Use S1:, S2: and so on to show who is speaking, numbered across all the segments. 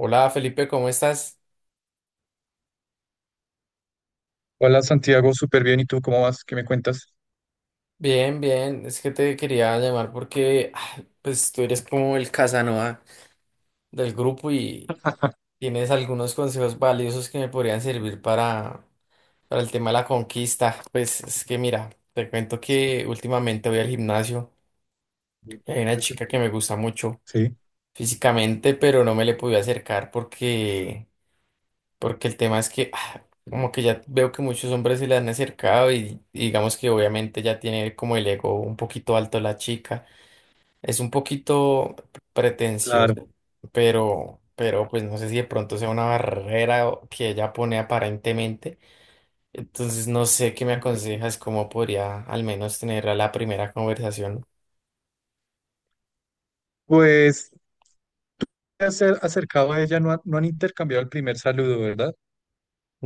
S1: Hola Felipe, ¿cómo estás?
S2: Hola Santiago, súper bien. ¿Y tú cómo vas? ¿Qué me cuentas?
S1: Bien, bien. Es que te quería llamar porque pues tú eres como el Casanova del grupo y tienes algunos consejos valiosos que me podrían servir para el tema de la conquista. Pues es que mira, te cuento que últimamente voy al gimnasio y hay una chica que me gusta mucho
S2: Sí,
S1: físicamente, pero no me le pude acercar porque el tema es que como que ya veo que muchos hombres se le han acercado y digamos que obviamente ya tiene como el ego un poquito alto la chica. Es un poquito
S2: claro.
S1: pretenciosa, pero pues no sé si de pronto sea una barrera que ella pone aparentemente. Entonces no sé qué me
S2: Mm,
S1: aconsejas, cómo podría al menos tener a la primera conversación.
S2: pues acercado a ella no, no han intercambiado el primer saludo, ¿verdad?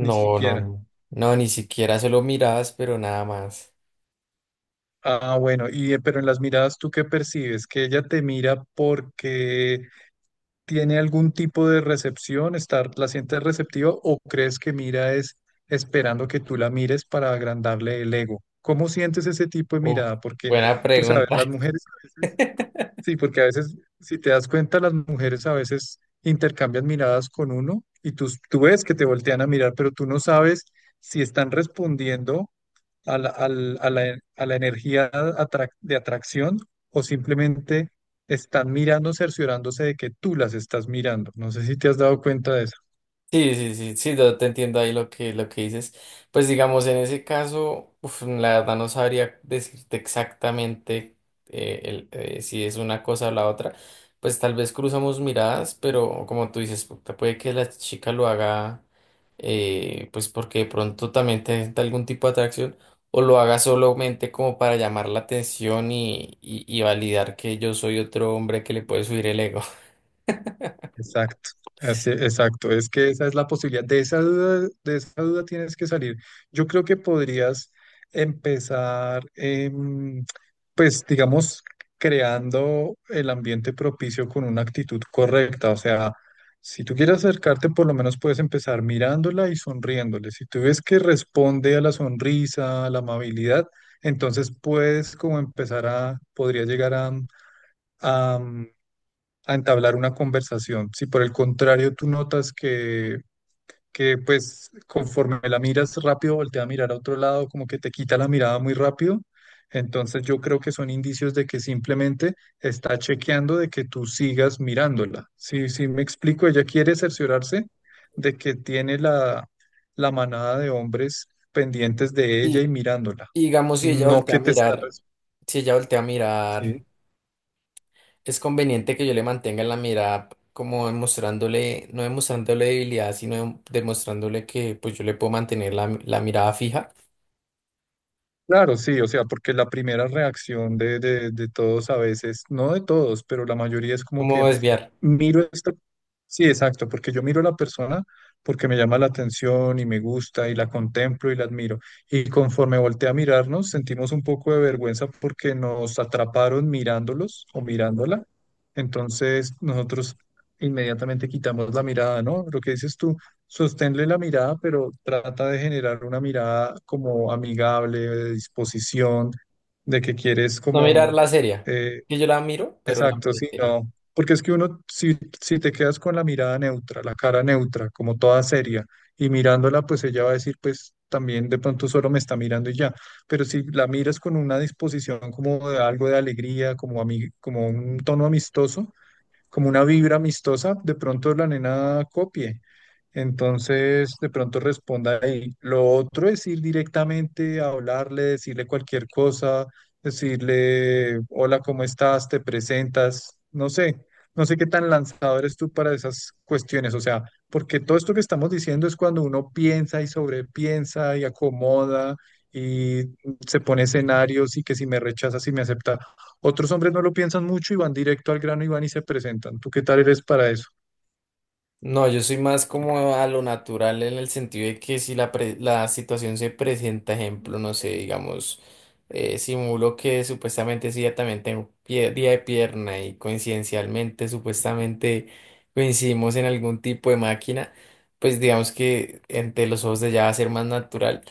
S2: Ni
S1: no,
S2: siquiera.
S1: no. No, ni siquiera solo miradas, pero nada más.
S2: Ah, bueno, y pero en las miradas, ¿tú qué percibes? ¿Que ella te mira porque tiene algún tipo de recepción, estar, la sientes receptiva o crees que mira es esperando que tú la mires para agrandarle el ego? ¿Cómo sientes ese tipo de
S1: Uf,
S2: mirada? Porque
S1: buena
S2: tú sabes,
S1: pregunta.
S2: las mujeres a veces. Sí, porque a veces, si te das cuenta, las mujeres a veces intercambian miradas con uno y tú ves que te voltean a mirar, pero tú no sabes si están respondiendo a la, al- a la de atracción o simplemente están mirando, cerciorándose de que tú las estás mirando. No sé si te has dado cuenta de eso.
S1: Sí, sí, sí, sí, yo te entiendo ahí lo que dices. Pues digamos, en ese caso, uf, la verdad no sabría decirte exactamente si es una cosa o la otra. Pues tal vez cruzamos miradas, pero como tú dices, puede que la chica lo haga, pues porque de pronto también te sienta algún tipo de atracción, o lo haga solamente como para llamar la atención y validar que yo soy otro hombre que le puede subir el ego.
S2: Exacto, exacto. Es que esa es la posibilidad. De esa duda tienes que salir. Yo creo que podrías empezar, pues, digamos, creando el ambiente propicio con una actitud correcta. O sea, si tú quieres acercarte, por lo menos puedes empezar mirándola y sonriéndole. Si tú ves que responde a la sonrisa, a la amabilidad, entonces puedes como empezar podría llegar a a entablar una conversación. Si por el contrario tú notas que pues conforme la miras rápido, voltea a mirar a otro lado, como que te quita la mirada muy rápido, entonces yo creo que son indicios de que simplemente está chequeando de que tú sigas mirándola. Sí, sí, me explico, ella quiere cerciorarse de que tiene la manada de hombres pendientes de ella y
S1: Y
S2: mirándola,
S1: digamos, si ella
S2: no
S1: voltea a
S2: que te
S1: mirar, si ella voltea a mirar,
S2: ¿sí?
S1: es conveniente que yo le mantenga en la mirada como demostrándole, no demostrándole debilidad, sino demostrándole que pues yo le puedo mantener la mirada fija.
S2: Claro, sí, o sea, porque la primera reacción de todos a veces, no de todos, pero la mayoría es como que
S1: ¿Cómo desviar?
S2: miro esto, sí, exacto, porque yo miro a la persona porque me llama la atención y me gusta y la contemplo y la admiro. Y conforme volteé a mirarnos, sentimos un poco de vergüenza porque nos atraparon mirándolos o mirándola. Entonces nosotros inmediatamente quitamos la mirada, ¿no? Lo que dices tú. Sosténle la mirada, pero trata de generar una mirada como amigable, de disposición, de que quieres
S1: No mirarla seria.
S2: eh,
S1: Que yo la miro, pero la
S2: exacto,
S1: miro
S2: sí,
S1: seria.
S2: no. Porque es que uno, si te quedas con la mirada neutra, la cara neutra, como toda seria, y mirándola, pues ella va a decir, pues también de pronto solo me está mirando y ya. Pero si la miras con una disposición como de algo de alegría, como, como un tono amistoso, como una vibra amistosa, de pronto la nena copie. Entonces, de pronto responda ahí. Lo otro es ir directamente a hablarle, decirle cualquier cosa, decirle, hola, ¿cómo estás? ¿Te presentas? No sé, no sé qué tan lanzador eres tú para esas cuestiones. O sea, porque todo esto que estamos diciendo es cuando uno piensa y sobrepiensa y acomoda y se pone escenarios y que si me rechaza, si me acepta. Otros hombres no lo piensan mucho y van directo al grano y van y se presentan. ¿Tú qué tal eres para eso?
S1: No, yo soy más como a lo natural en el sentido de que si la situación se presenta, ejemplo, no sé, digamos, simulo que supuestamente sí, ya también tengo día de pierna y coincidencialmente, supuestamente coincidimos en algún tipo de máquina, pues digamos que entre los ojos de ya va a ser más natural.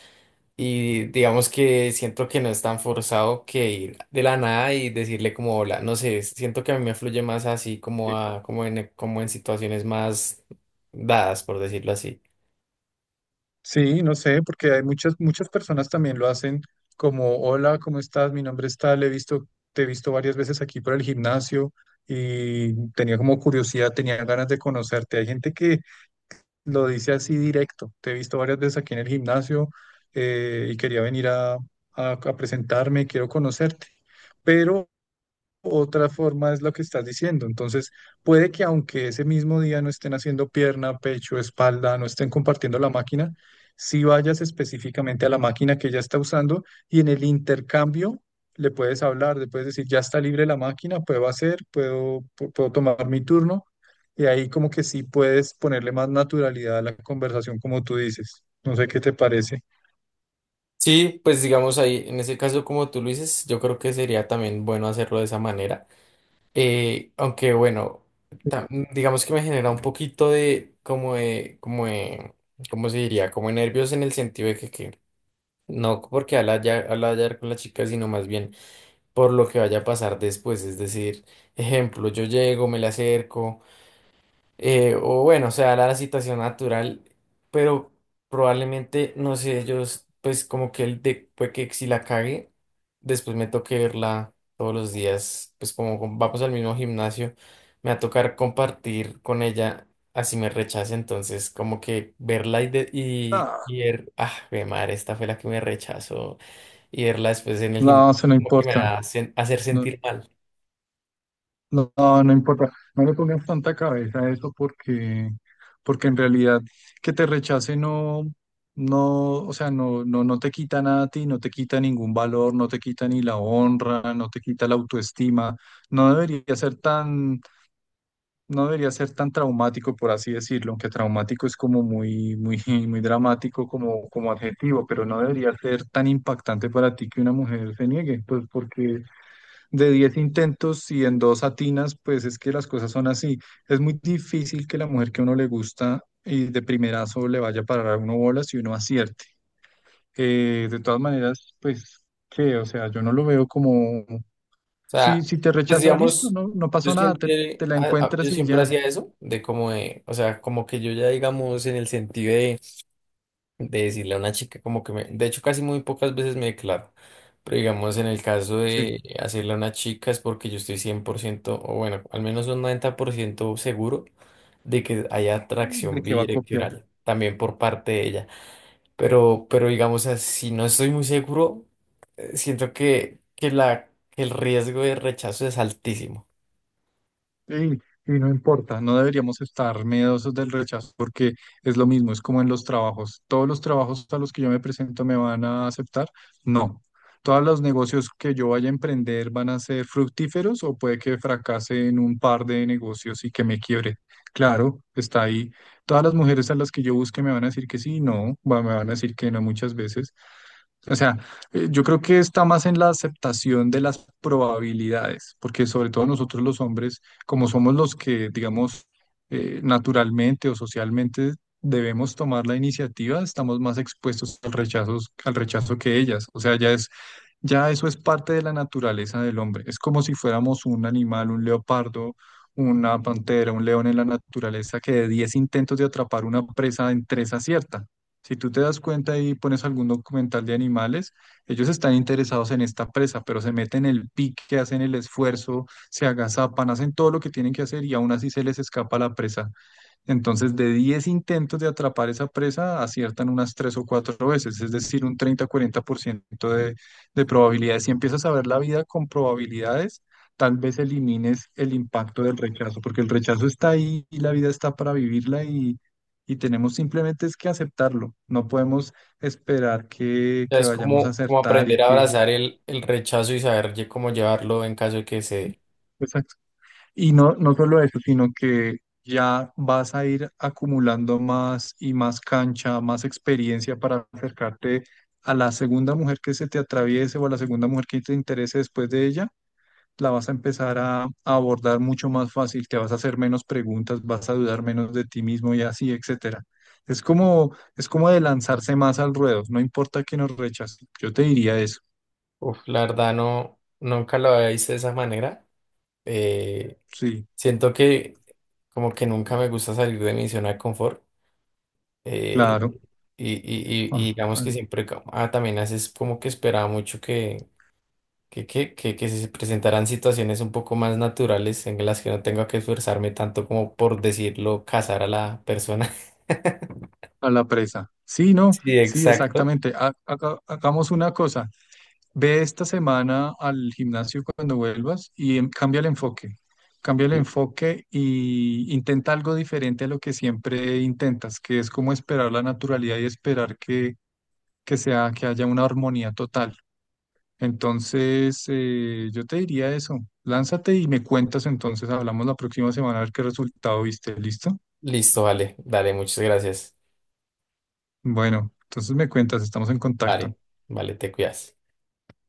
S1: Y digamos que siento que no es tan forzado que ir de la nada y decirle como hola, no sé, siento que a mí me fluye más así como en situaciones más dadas, por decirlo así.
S2: Sí, no sé, porque hay muchas personas también lo hacen como, hola, ¿cómo estás? Mi nombre es tal, te he visto varias veces aquí por el gimnasio y tenía como curiosidad, tenía ganas de conocerte. Hay gente que lo dice así directo, te he visto varias veces aquí en el gimnasio y quería venir a presentarme, quiero conocerte. Pero otra forma es lo que estás diciendo. Entonces, puede que aunque ese mismo día no estén haciendo pierna, pecho, espalda, no estén compartiendo la máquina, si vayas específicamente a la máquina que ella está usando y en el intercambio le puedes hablar, le puedes decir, ya está libre la máquina, puedo hacer, puedo, pu- puedo tomar mi turno. Y ahí como que sí puedes ponerle más naturalidad a la conversación, como tú dices. No sé qué te parece.
S1: Sí, pues digamos ahí, en ese caso como tú lo dices, yo creo que sería también bueno hacerlo de esa manera. Aunque bueno, ta- digamos que me genera un poquito de ¿cómo se diría? Como nervios en el sentido de que no porque al hablar con la chica, sino más bien por lo que vaya a pasar después. Es decir, ejemplo, yo llego, me le acerco, o bueno, se da la situación natural, pero probablemente, no sé, ellos, pues como que el de puede que si la cague, después me toque verla todos los días, pues como vamos al mismo gimnasio, me va a tocar compartir con ella. Así me rechaza, entonces como que verla y, de-
S2: Ah,
S1: y ver, ah, jue madre, esta fue la que me rechazó y verla después en el
S2: no,
S1: gimnasio,
S2: se no
S1: como que me
S2: importa.
S1: va a hacer
S2: No,
S1: sentir mal.
S2: no, no importa, no le pongas tanta cabeza a eso porque, porque en realidad que te rechace no, no, o sea, no te quita nada a ti, no te quita ningún valor, no te quita ni la honra, no te quita la autoestima, no debería ser tan, no debería ser tan traumático, por así decirlo, aunque traumático es como muy dramático como, como adjetivo, pero no debería ser tan impactante para ti que una mujer se niegue, pues porque de 10 intentos y en dos atinas, pues es que las cosas son así. Es muy difícil que la mujer que a uno le gusta y de primerazo le vaya a parar a uno bolas y uno acierte. De todas maneras, pues, qué o sea, yo no lo veo como,
S1: O sea,
S2: si te
S1: pues
S2: rechaza, listo,
S1: digamos,
S2: no, no pasó nada, te la
S1: yo
S2: encuentras y
S1: siempre
S2: ya,
S1: hacía eso, o sea, como que yo ya digamos en el sentido de decirle a una chica como que me, de hecho casi muy pocas veces me declaro, pero digamos en el caso
S2: sí,
S1: de hacerle a una chica es porque yo estoy 100% o bueno, al menos un 90% seguro de que haya
S2: de
S1: atracción
S2: qué va a copiar.
S1: bidireccional, también por parte de ella. Pero digamos, así no estoy muy seguro, siento que el riesgo de rechazo es altísimo.
S2: Sí, y no importa, no deberíamos estar miedosos del rechazo porque es lo mismo, es como en los trabajos. ¿Todos los trabajos a los que yo me presento me van a aceptar? No. ¿Todos los negocios que yo vaya a emprender van a ser fructíferos o puede que fracase en un par de negocios y que me quiebre? Claro, está ahí. ¿Todas las mujeres a las que yo busque me van a decir que sí? No, me van a decir que no muchas veces. O sea, yo creo que está más en la aceptación de las probabilidades, porque sobre todo nosotros los hombres, como somos los que, digamos, naturalmente o socialmente debemos tomar la iniciativa, estamos más expuestos al rechazo que ellas. O sea, ya eso es parte de la naturaleza del hombre. Es como si fuéramos un animal, un leopardo, una pantera, un león en la naturaleza que de 10 intentos de atrapar una presa en tres acierta. Si tú te das cuenta y pones algún documental de animales, ellos están interesados en esta presa, pero se meten el pique, hacen el esfuerzo, se agazapan, hacen todo lo que tienen que hacer y aún así se les escapa la presa. Entonces, de 10 intentos de atrapar esa presa, aciertan unas 3 o 4 veces, es decir, un 30-40% de probabilidades. Si empiezas a ver la vida con probabilidades, tal vez elimines el impacto del rechazo, porque el rechazo está ahí y la vida está para vivirla y tenemos simplemente es que aceptarlo. No podemos esperar
S1: O sea,
S2: que
S1: es
S2: vayamos a
S1: como
S2: acertar y
S1: aprender a
S2: que...
S1: abrazar el rechazo y saber cómo llevarlo en caso de que se dé.
S2: Y no, no solo eso, sino que ya vas a ir acumulando más y más cancha, más experiencia para acercarte a la segunda mujer que se te atraviese o a la segunda mujer que te interese después de ella, la vas a empezar a abordar mucho más fácil, te vas a hacer menos preguntas, vas a dudar menos de ti mismo y así, etcétera. Es como de lanzarse más al ruedo, no importa que nos rechacen. Yo te diría eso,
S1: Uf, la verdad no, nunca lo había visto de esa manera. Eh,
S2: sí,
S1: siento que como que nunca me gusta salir de mi zona de confort. eh,
S2: claro.
S1: y
S2: Ah,
S1: digamos que
S2: ah.
S1: siempre ah, también haces como que esperaba mucho que se presentarán situaciones un poco más naturales en las que no tenga que esforzarme tanto como por decirlo, cazar a la persona.
S2: A la presa. Sí, no,
S1: Sí,
S2: sí,
S1: exacto.
S2: exactamente. Hagamos una cosa. Ve esta semana al gimnasio cuando vuelvas y cambia el enfoque. Cambia el enfoque y intenta algo diferente a lo que siempre intentas, que es como esperar la naturalidad y esperar que sea, que haya una armonía total. Entonces, yo te diría eso. Lánzate y me cuentas entonces. Hablamos la próxima semana a ver qué resultado viste. ¿Listo?
S1: Listo, vale, dale, muchas gracias.
S2: Bueno, entonces me cuentas, estamos en contacto.
S1: Vale, vale, te cuidas.